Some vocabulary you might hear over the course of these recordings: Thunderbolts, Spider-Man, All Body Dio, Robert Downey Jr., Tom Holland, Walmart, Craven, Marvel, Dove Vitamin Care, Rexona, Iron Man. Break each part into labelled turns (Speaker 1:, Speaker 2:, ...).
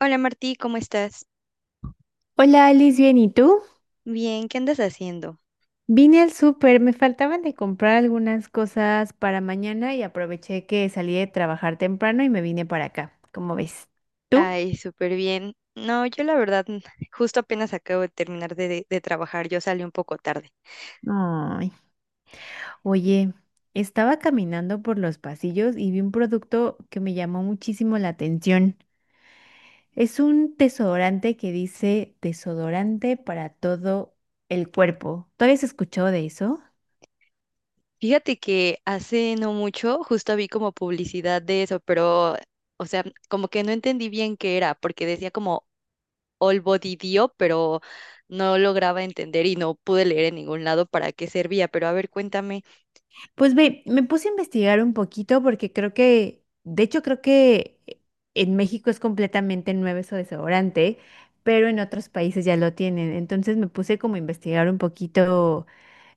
Speaker 1: Hola Martí, ¿cómo estás?
Speaker 2: Hola Alice, bien, ¿y tú?
Speaker 1: Bien, ¿qué andas haciendo?
Speaker 2: Vine al súper, me faltaban de comprar algunas cosas para mañana y aproveché que salí de trabajar temprano y me vine para acá. ¿Cómo ves? ¿Tú?
Speaker 1: Ay, súper bien. No, yo la verdad, justo apenas acabo de terminar de trabajar, yo salí un poco tarde.
Speaker 2: Ay, oye, estaba caminando por los pasillos y vi un producto que me llamó muchísimo la atención. Es un desodorante que dice desodorante para todo el cuerpo. ¿Todavía has escuchado de eso?
Speaker 1: Fíjate que hace no mucho justo vi como publicidad de eso, pero, o sea, como que no entendí bien qué era, porque decía como All Body Dio, pero no lograba entender y no pude leer en ningún lado para qué servía. Pero a ver, cuéntame.
Speaker 2: Pues ve, me puse a investigar un poquito porque creo que, de hecho creo que en México es completamente nuevo eso de desodorante, pero en otros países ya lo tienen. Entonces me puse como a investigar un poquito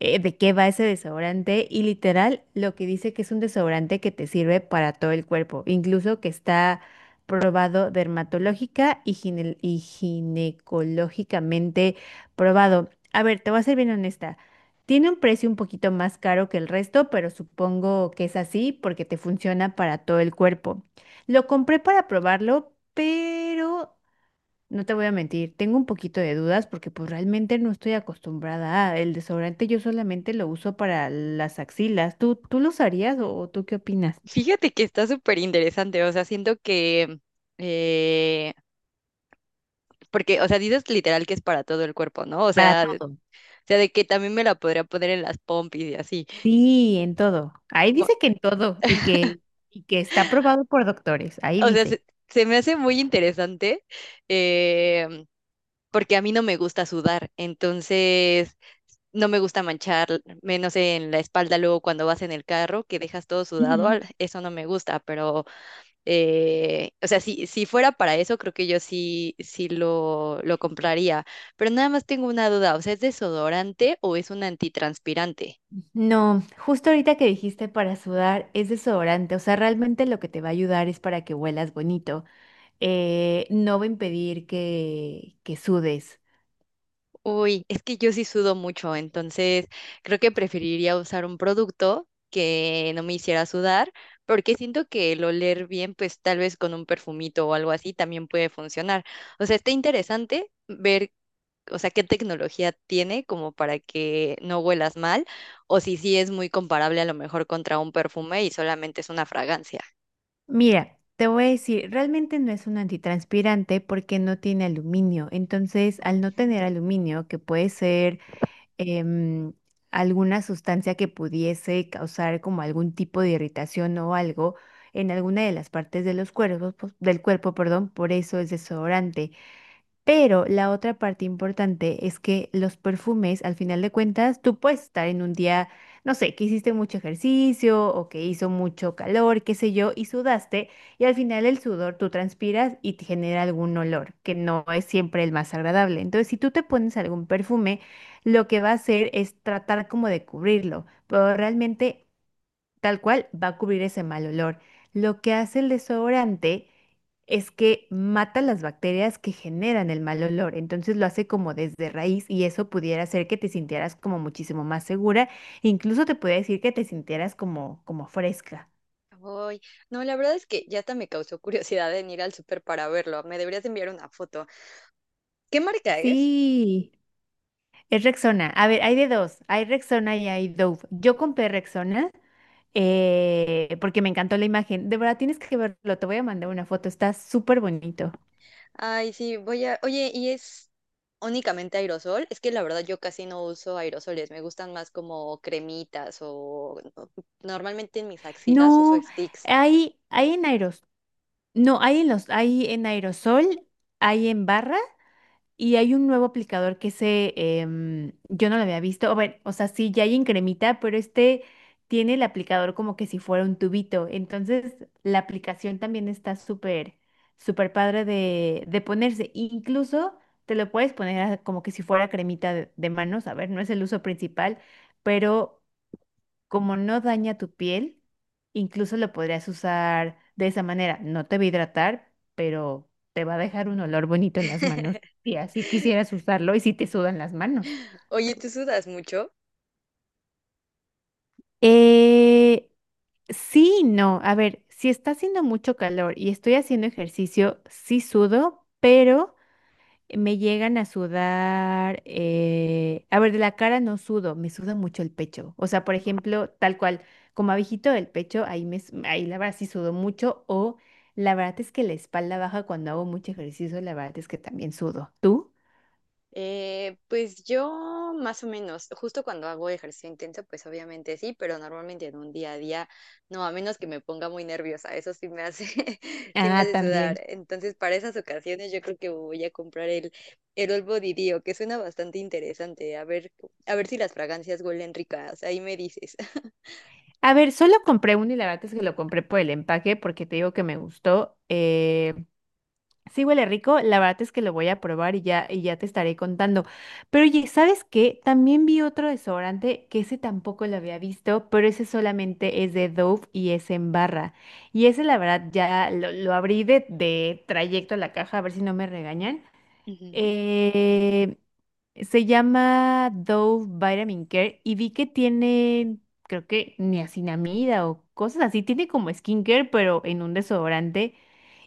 Speaker 2: de qué va ese desodorante y literal lo que dice que es un desodorante que te sirve para todo el cuerpo, incluso que está probado dermatológica y, y ginecológicamente probado. A ver, te voy a ser bien honesta. Tiene un precio un poquito más caro que el resto, pero supongo que es así porque te funciona para todo el cuerpo. Lo compré para probarlo, pero no te voy a mentir, tengo un poquito de dudas porque pues realmente no estoy acostumbrada a el desodorante, yo solamente lo uso para las axilas. ¿Tú lo usarías o tú qué opinas?
Speaker 1: Fíjate que está súper interesante, o sea, siento que... eh, Porque, o sea, dices literal que es para todo el cuerpo, ¿no?
Speaker 2: Para
Speaker 1: O
Speaker 2: todo.
Speaker 1: sea, de que también me la podría poner en las pompis y así.
Speaker 2: Sí, en todo. Ahí
Speaker 1: O,
Speaker 2: dice que en todo y que está aprobado por doctores. Ahí
Speaker 1: o sea,
Speaker 2: dice.
Speaker 1: se me hace muy interesante, eh, porque a mí no me gusta sudar, entonces no me gusta manchar, menos en la espalda luego cuando vas en el carro, que dejas todo sudado,
Speaker 2: Ujú.
Speaker 1: eso no me gusta, pero o sea, si fuera para eso, creo que yo sí, sí lo compraría, pero nada más tengo una duda, o sea, ¿es desodorante o es un antitranspirante?
Speaker 2: No, justo ahorita que dijiste para sudar es desodorante, o sea, realmente lo que te va a ayudar es para que huelas bonito. No va a impedir que sudes.
Speaker 1: Uy, es que yo sí sudo mucho, entonces creo que preferiría usar un producto que no me hiciera sudar, porque siento que el oler bien, pues tal vez con un perfumito o algo así también puede funcionar. O sea, está interesante ver, o sea, qué tecnología tiene como para que no huelas mal, o si sí es muy comparable a lo mejor contra un perfume y solamente es una fragancia.
Speaker 2: Mira, te voy a decir, realmente no es un antitranspirante porque no tiene aluminio. Entonces, al no tener aluminio, que puede ser em, alguna sustancia que pudiese causar como algún tipo de irritación o algo en alguna de las partes de los cuerpos, pues, del cuerpo, perdón, por eso es desodorante. Pero la otra parte importante es que los perfumes, al final de cuentas, tú puedes estar en un día, no sé, que hiciste mucho ejercicio o que hizo mucho calor, qué sé yo, y sudaste, y al final el sudor tú transpiras y te genera algún olor, que no es siempre el más agradable. Entonces, si tú te pones algún perfume, lo que va a hacer es tratar como de cubrirlo, pero realmente tal cual va a cubrir ese mal olor. Lo que hace el desodorante es que mata las bacterias que generan el mal olor, entonces lo hace como desde raíz y eso pudiera hacer que te sintieras como muchísimo más segura, incluso te podría decir que te sintieras como, como fresca.
Speaker 1: Uy, no, la verdad es que ya hasta me causó curiosidad en ir al súper para verlo. Me deberías enviar una foto. ¿Qué marca es?
Speaker 2: Sí, es Rexona. A ver, hay de dos, hay Rexona y hay Dove. Yo compré Rexona porque me encantó la imagen. De verdad, tienes que verlo, te voy a mandar una foto, está súper bonito.
Speaker 1: Ay, sí, voy a... Oye, ¿y es únicamente aerosol? Es que la verdad yo casi no uso aerosoles, me gustan más como cremitas o no, normalmente en mis axilas uso
Speaker 2: No,
Speaker 1: sticks.
Speaker 2: hay en aeros, no, hay en los, hay en aerosol, hay en barra y hay un nuevo aplicador que se, yo no lo había visto. O, bueno, o sea, sí, ya hay en cremita, pero este tiene el aplicador como que si fuera un tubito. Entonces, la aplicación también está súper padre de ponerse. Incluso te lo puedes poner como que si fuera cremita de manos. A ver, no es el uso principal, pero como no daña tu piel, incluso lo podrías usar de esa manera. No te va a hidratar, pero te va a dejar un olor bonito en las manos. Y así quisieras usarlo y si te sudan las manos.
Speaker 1: Oye, ¿tú sudas mucho?
Speaker 2: Eh, sí, y no. A ver, si está haciendo mucho calor y estoy haciendo ejercicio, sí sudo, pero me llegan a sudar, a ver, de la cara no sudo, me suda mucho el pecho. O sea, por ejemplo, tal cual, como abejito del pecho, ahí la verdad sí sudo mucho, o la verdad es que la espalda baja cuando hago mucho ejercicio, la verdad es que también sudo. ¿Tú?
Speaker 1: Pues yo más o menos, justo cuando hago ejercicio intenso, pues obviamente sí, pero normalmente en un día a día, no, a menos que me ponga muy nerviosa, eso sí me hace, sí me
Speaker 2: Ah,
Speaker 1: hace sudar.
Speaker 2: también.
Speaker 1: Entonces, para esas ocasiones yo creo que voy a comprar el All Body Dio, que suena bastante interesante. A ver si las fragancias huelen ricas, ahí me dices.
Speaker 2: A ver, solo compré uno y la verdad es que lo compré por el empaque porque te digo que me gustó. Sí huele rico, la verdad es que lo voy a probar y ya te estaré contando. Pero oye, ¿sabes qué? También vi otro desodorante que ese tampoco lo había visto, pero ese solamente es de Dove y es en barra. Y ese la verdad ya lo abrí de trayecto a la caja a ver si no me regañan.
Speaker 1: Ujú.
Speaker 2: Eh, Se llama Dove Vitamin Care y vi que tiene, creo que niacinamida o cosas así. Tiene como skincare, pero en un desodorante.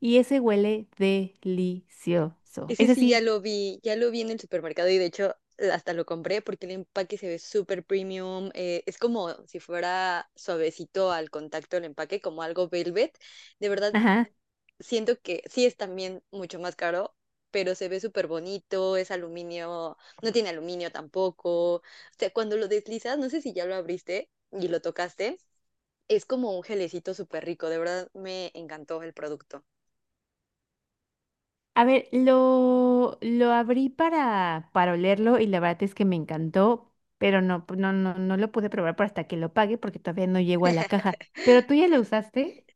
Speaker 2: Y ese huele delicioso.
Speaker 1: Ese
Speaker 2: Ese
Speaker 1: sí
Speaker 2: sí,
Speaker 1: ya lo vi en el supermercado y de hecho, hasta lo compré porque el empaque se ve súper premium. Es como si fuera suavecito al contacto el empaque, como algo velvet. De verdad,
Speaker 2: ajá.
Speaker 1: siento que sí es también mucho más caro, pero se ve súper bonito, es aluminio, no tiene aluminio tampoco. O sea, cuando lo deslizas, no sé si ya lo abriste y lo tocaste, es como un gelecito súper rico. De verdad, me encantó el producto.
Speaker 2: A ver, lo abrí para olerlo y la verdad es que me encantó, pero no lo pude probar por hasta que lo pague porque todavía no llego a la caja. Pero tú ya lo usaste.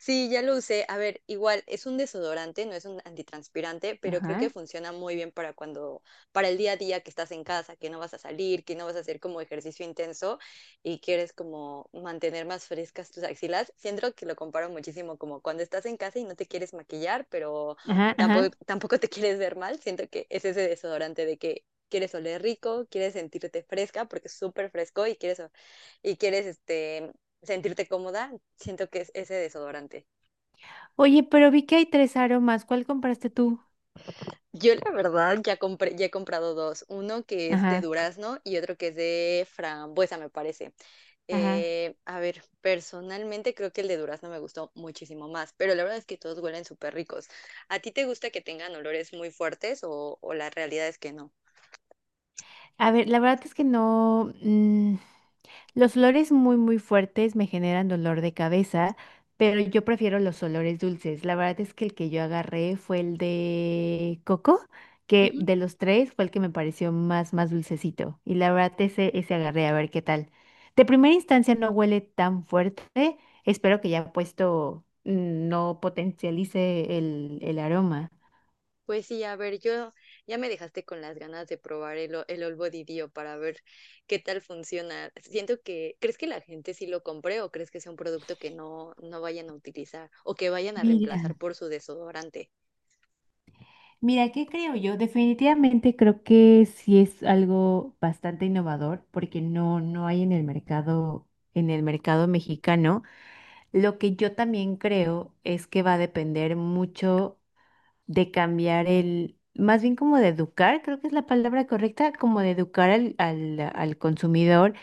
Speaker 1: Sí, ya lo usé. A ver, igual es un desodorante, no es un antitranspirante, pero creo que
Speaker 2: Ajá.
Speaker 1: funciona muy bien para cuando, para el día a día que estás en casa, que no vas a salir, que no vas a hacer como ejercicio intenso y quieres como mantener más frescas tus axilas. Siento que lo comparo muchísimo como cuando estás en casa y no te quieres maquillar, pero
Speaker 2: Ajá,
Speaker 1: tampoco,
Speaker 2: ajá.
Speaker 1: tampoco te quieres ver mal. Siento que es ese desodorante de que quieres oler rico, quieres sentirte fresca porque es súper fresco y quieres sentirte cómoda, siento que es ese desodorante.
Speaker 2: Oye, pero vi que hay tres aromas. ¿Cuál compraste tú?
Speaker 1: Yo la verdad ya he comprado dos, uno que es de
Speaker 2: Ajá,
Speaker 1: durazno y otro que es de frambuesa, me parece.
Speaker 2: ajá.
Speaker 1: A ver, personalmente creo que el de durazno me gustó muchísimo más, pero la verdad es que todos huelen súper ricos. ¿A ti te gusta que tengan olores muy fuertes o la realidad es que no?
Speaker 2: A ver, la verdad es que no. Los olores muy fuertes me generan dolor de cabeza, pero yo prefiero los olores dulces. La verdad es que el que yo agarré fue el de coco, que
Speaker 1: Ujú.
Speaker 2: de los tres fue el que me pareció más dulcecito. Y la verdad, ese agarré, a ver qué tal. De primera instancia no huele tan fuerte. Espero que ya puesto no potencialice el aroma.
Speaker 1: Pues sí, a ver, yo ya me dejaste con las ganas de probar el All Body Dio para ver qué tal funciona. Siento que, ¿crees que la gente sí lo compre o crees que sea un producto que no, no vayan a utilizar o que vayan a reemplazar
Speaker 2: Mira.
Speaker 1: por su desodorante?
Speaker 2: Mira, ¿qué creo yo? Definitivamente creo que sí es algo bastante innovador porque no hay en el mercado mexicano. Lo que yo también creo es que va a depender mucho de cambiar el, más bien como de educar, creo que es la palabra correcta, como de educar al consumidor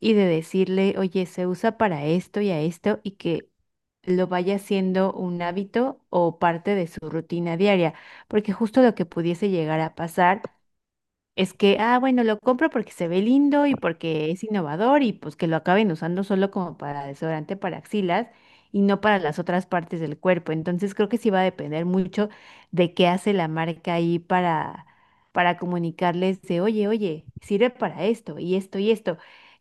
Speaker 2: y de decirle, oye, se usa para esto y a esto y que lo vaya siendo un hábito o parte de su rutina diaria, porque justo lo que pudiese llegar a pasar es que, ah, bueno, lo compro porque se ve lindo y porque es innovador y pues que lo acaben usando solo como para desodorante para axilas y no para las otras partes del cuerpo. Entonces creo que sí va a depender mucho de qué hace la marca ahí para comunicarles de, oye, oye, sirve para esto y esto y esto.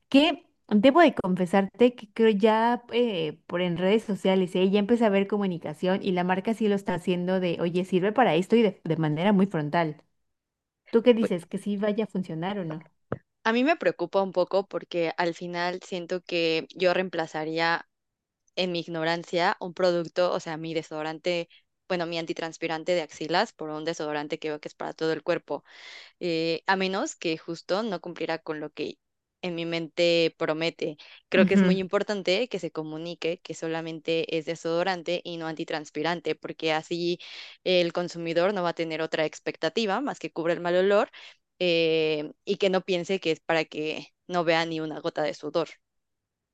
Speaker 2: Que debo de confesarte que creo ya por en redes sociales, ya empecé a ver comunicación y la marca sí lo está haciendo de, oye, sirve para esto y de manera muy frontal. ¿Tú qué
Speaker 1: Pues
Speaker 2: dices? ¿Que sí vaya a funcionar o no?
Speaker 1: a mí me preocupa un poco porque al final siento que yo reemplazaría en mi ignorancia un producto, o sea, mi desodorante, bueno, mi antitranspirante de axilas por un desodorante que veo que es para todo el cuerpo. A menos que justo no cumpliera con lo que en mi mente promete. Creo que es muy
Speaker 2: Ujú.
Speaker 1: importante que se comunique que solamente es desodorante y no antitranspirante, porque así el consumidor no va a tener otra expectativa más que cubre el mal olor, y que no piense que es para que no vea ni una gota de sudor.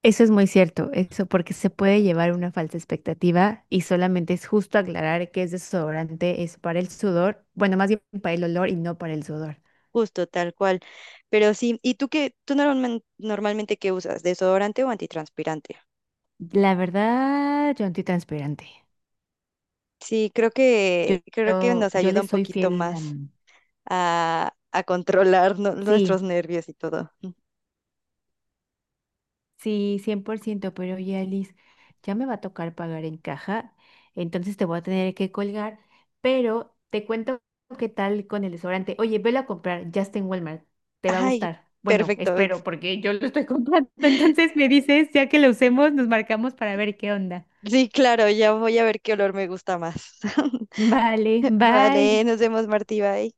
Speaker 2: Eso es muy cierto, eso, porque se puede llevar una falsa expectativa y solamente es justo aclarar que es desodorante, es para el sudor, bueno, más bien para el olor y no para el sudor.
Speaker 1: Justo, tal cual. Pero sí, ¿y tú qué, normalmente qué usas? ¿Desodorante o antitranspirante?
Speaker 2: La verdad, yo antitranspirante.
Speaker 1: Sí,
Speaker 2: Yo,
Speaker 1: creo que
Speaker 2: yo,
Speaker 1: nos
Speaker 2: yo
Speaker 1: ayuda
Speaker 2: le
Speaker 1: un
Speaker 2: soy
Speaker 1: poquito
Speaker 2: fiel a...
Speaker 1: más. A, a controlar nuestros
Speaker 2: Sí,
Speaker 1: nervios y todo.
Speaker 2: sí, 100%. Pero oye, Alice, ya me va a tocar pagar en caja, entonces te voy a tener que colgar, pero te cuento qué tal con el desodorante. Oye, velo a comprar, ya está en Walmart, te va a
Speaker 1: Ay,
Speaker 2: gustar. Bueno,
Speaker 1: perfecto.
Speaker 2: espero, porque yo lo estoy comprando, entonces me dices, ya que lo usemos, nos marcamos para ver qué onda.
Speaker 1: Sí, claro, ya voy a ver qué olor me gusta más.
Speaker 2: Vale,
Speaker 1: Vale,
Speaker 2: bye.
Speaker 1: nos vemos, Martí, bye.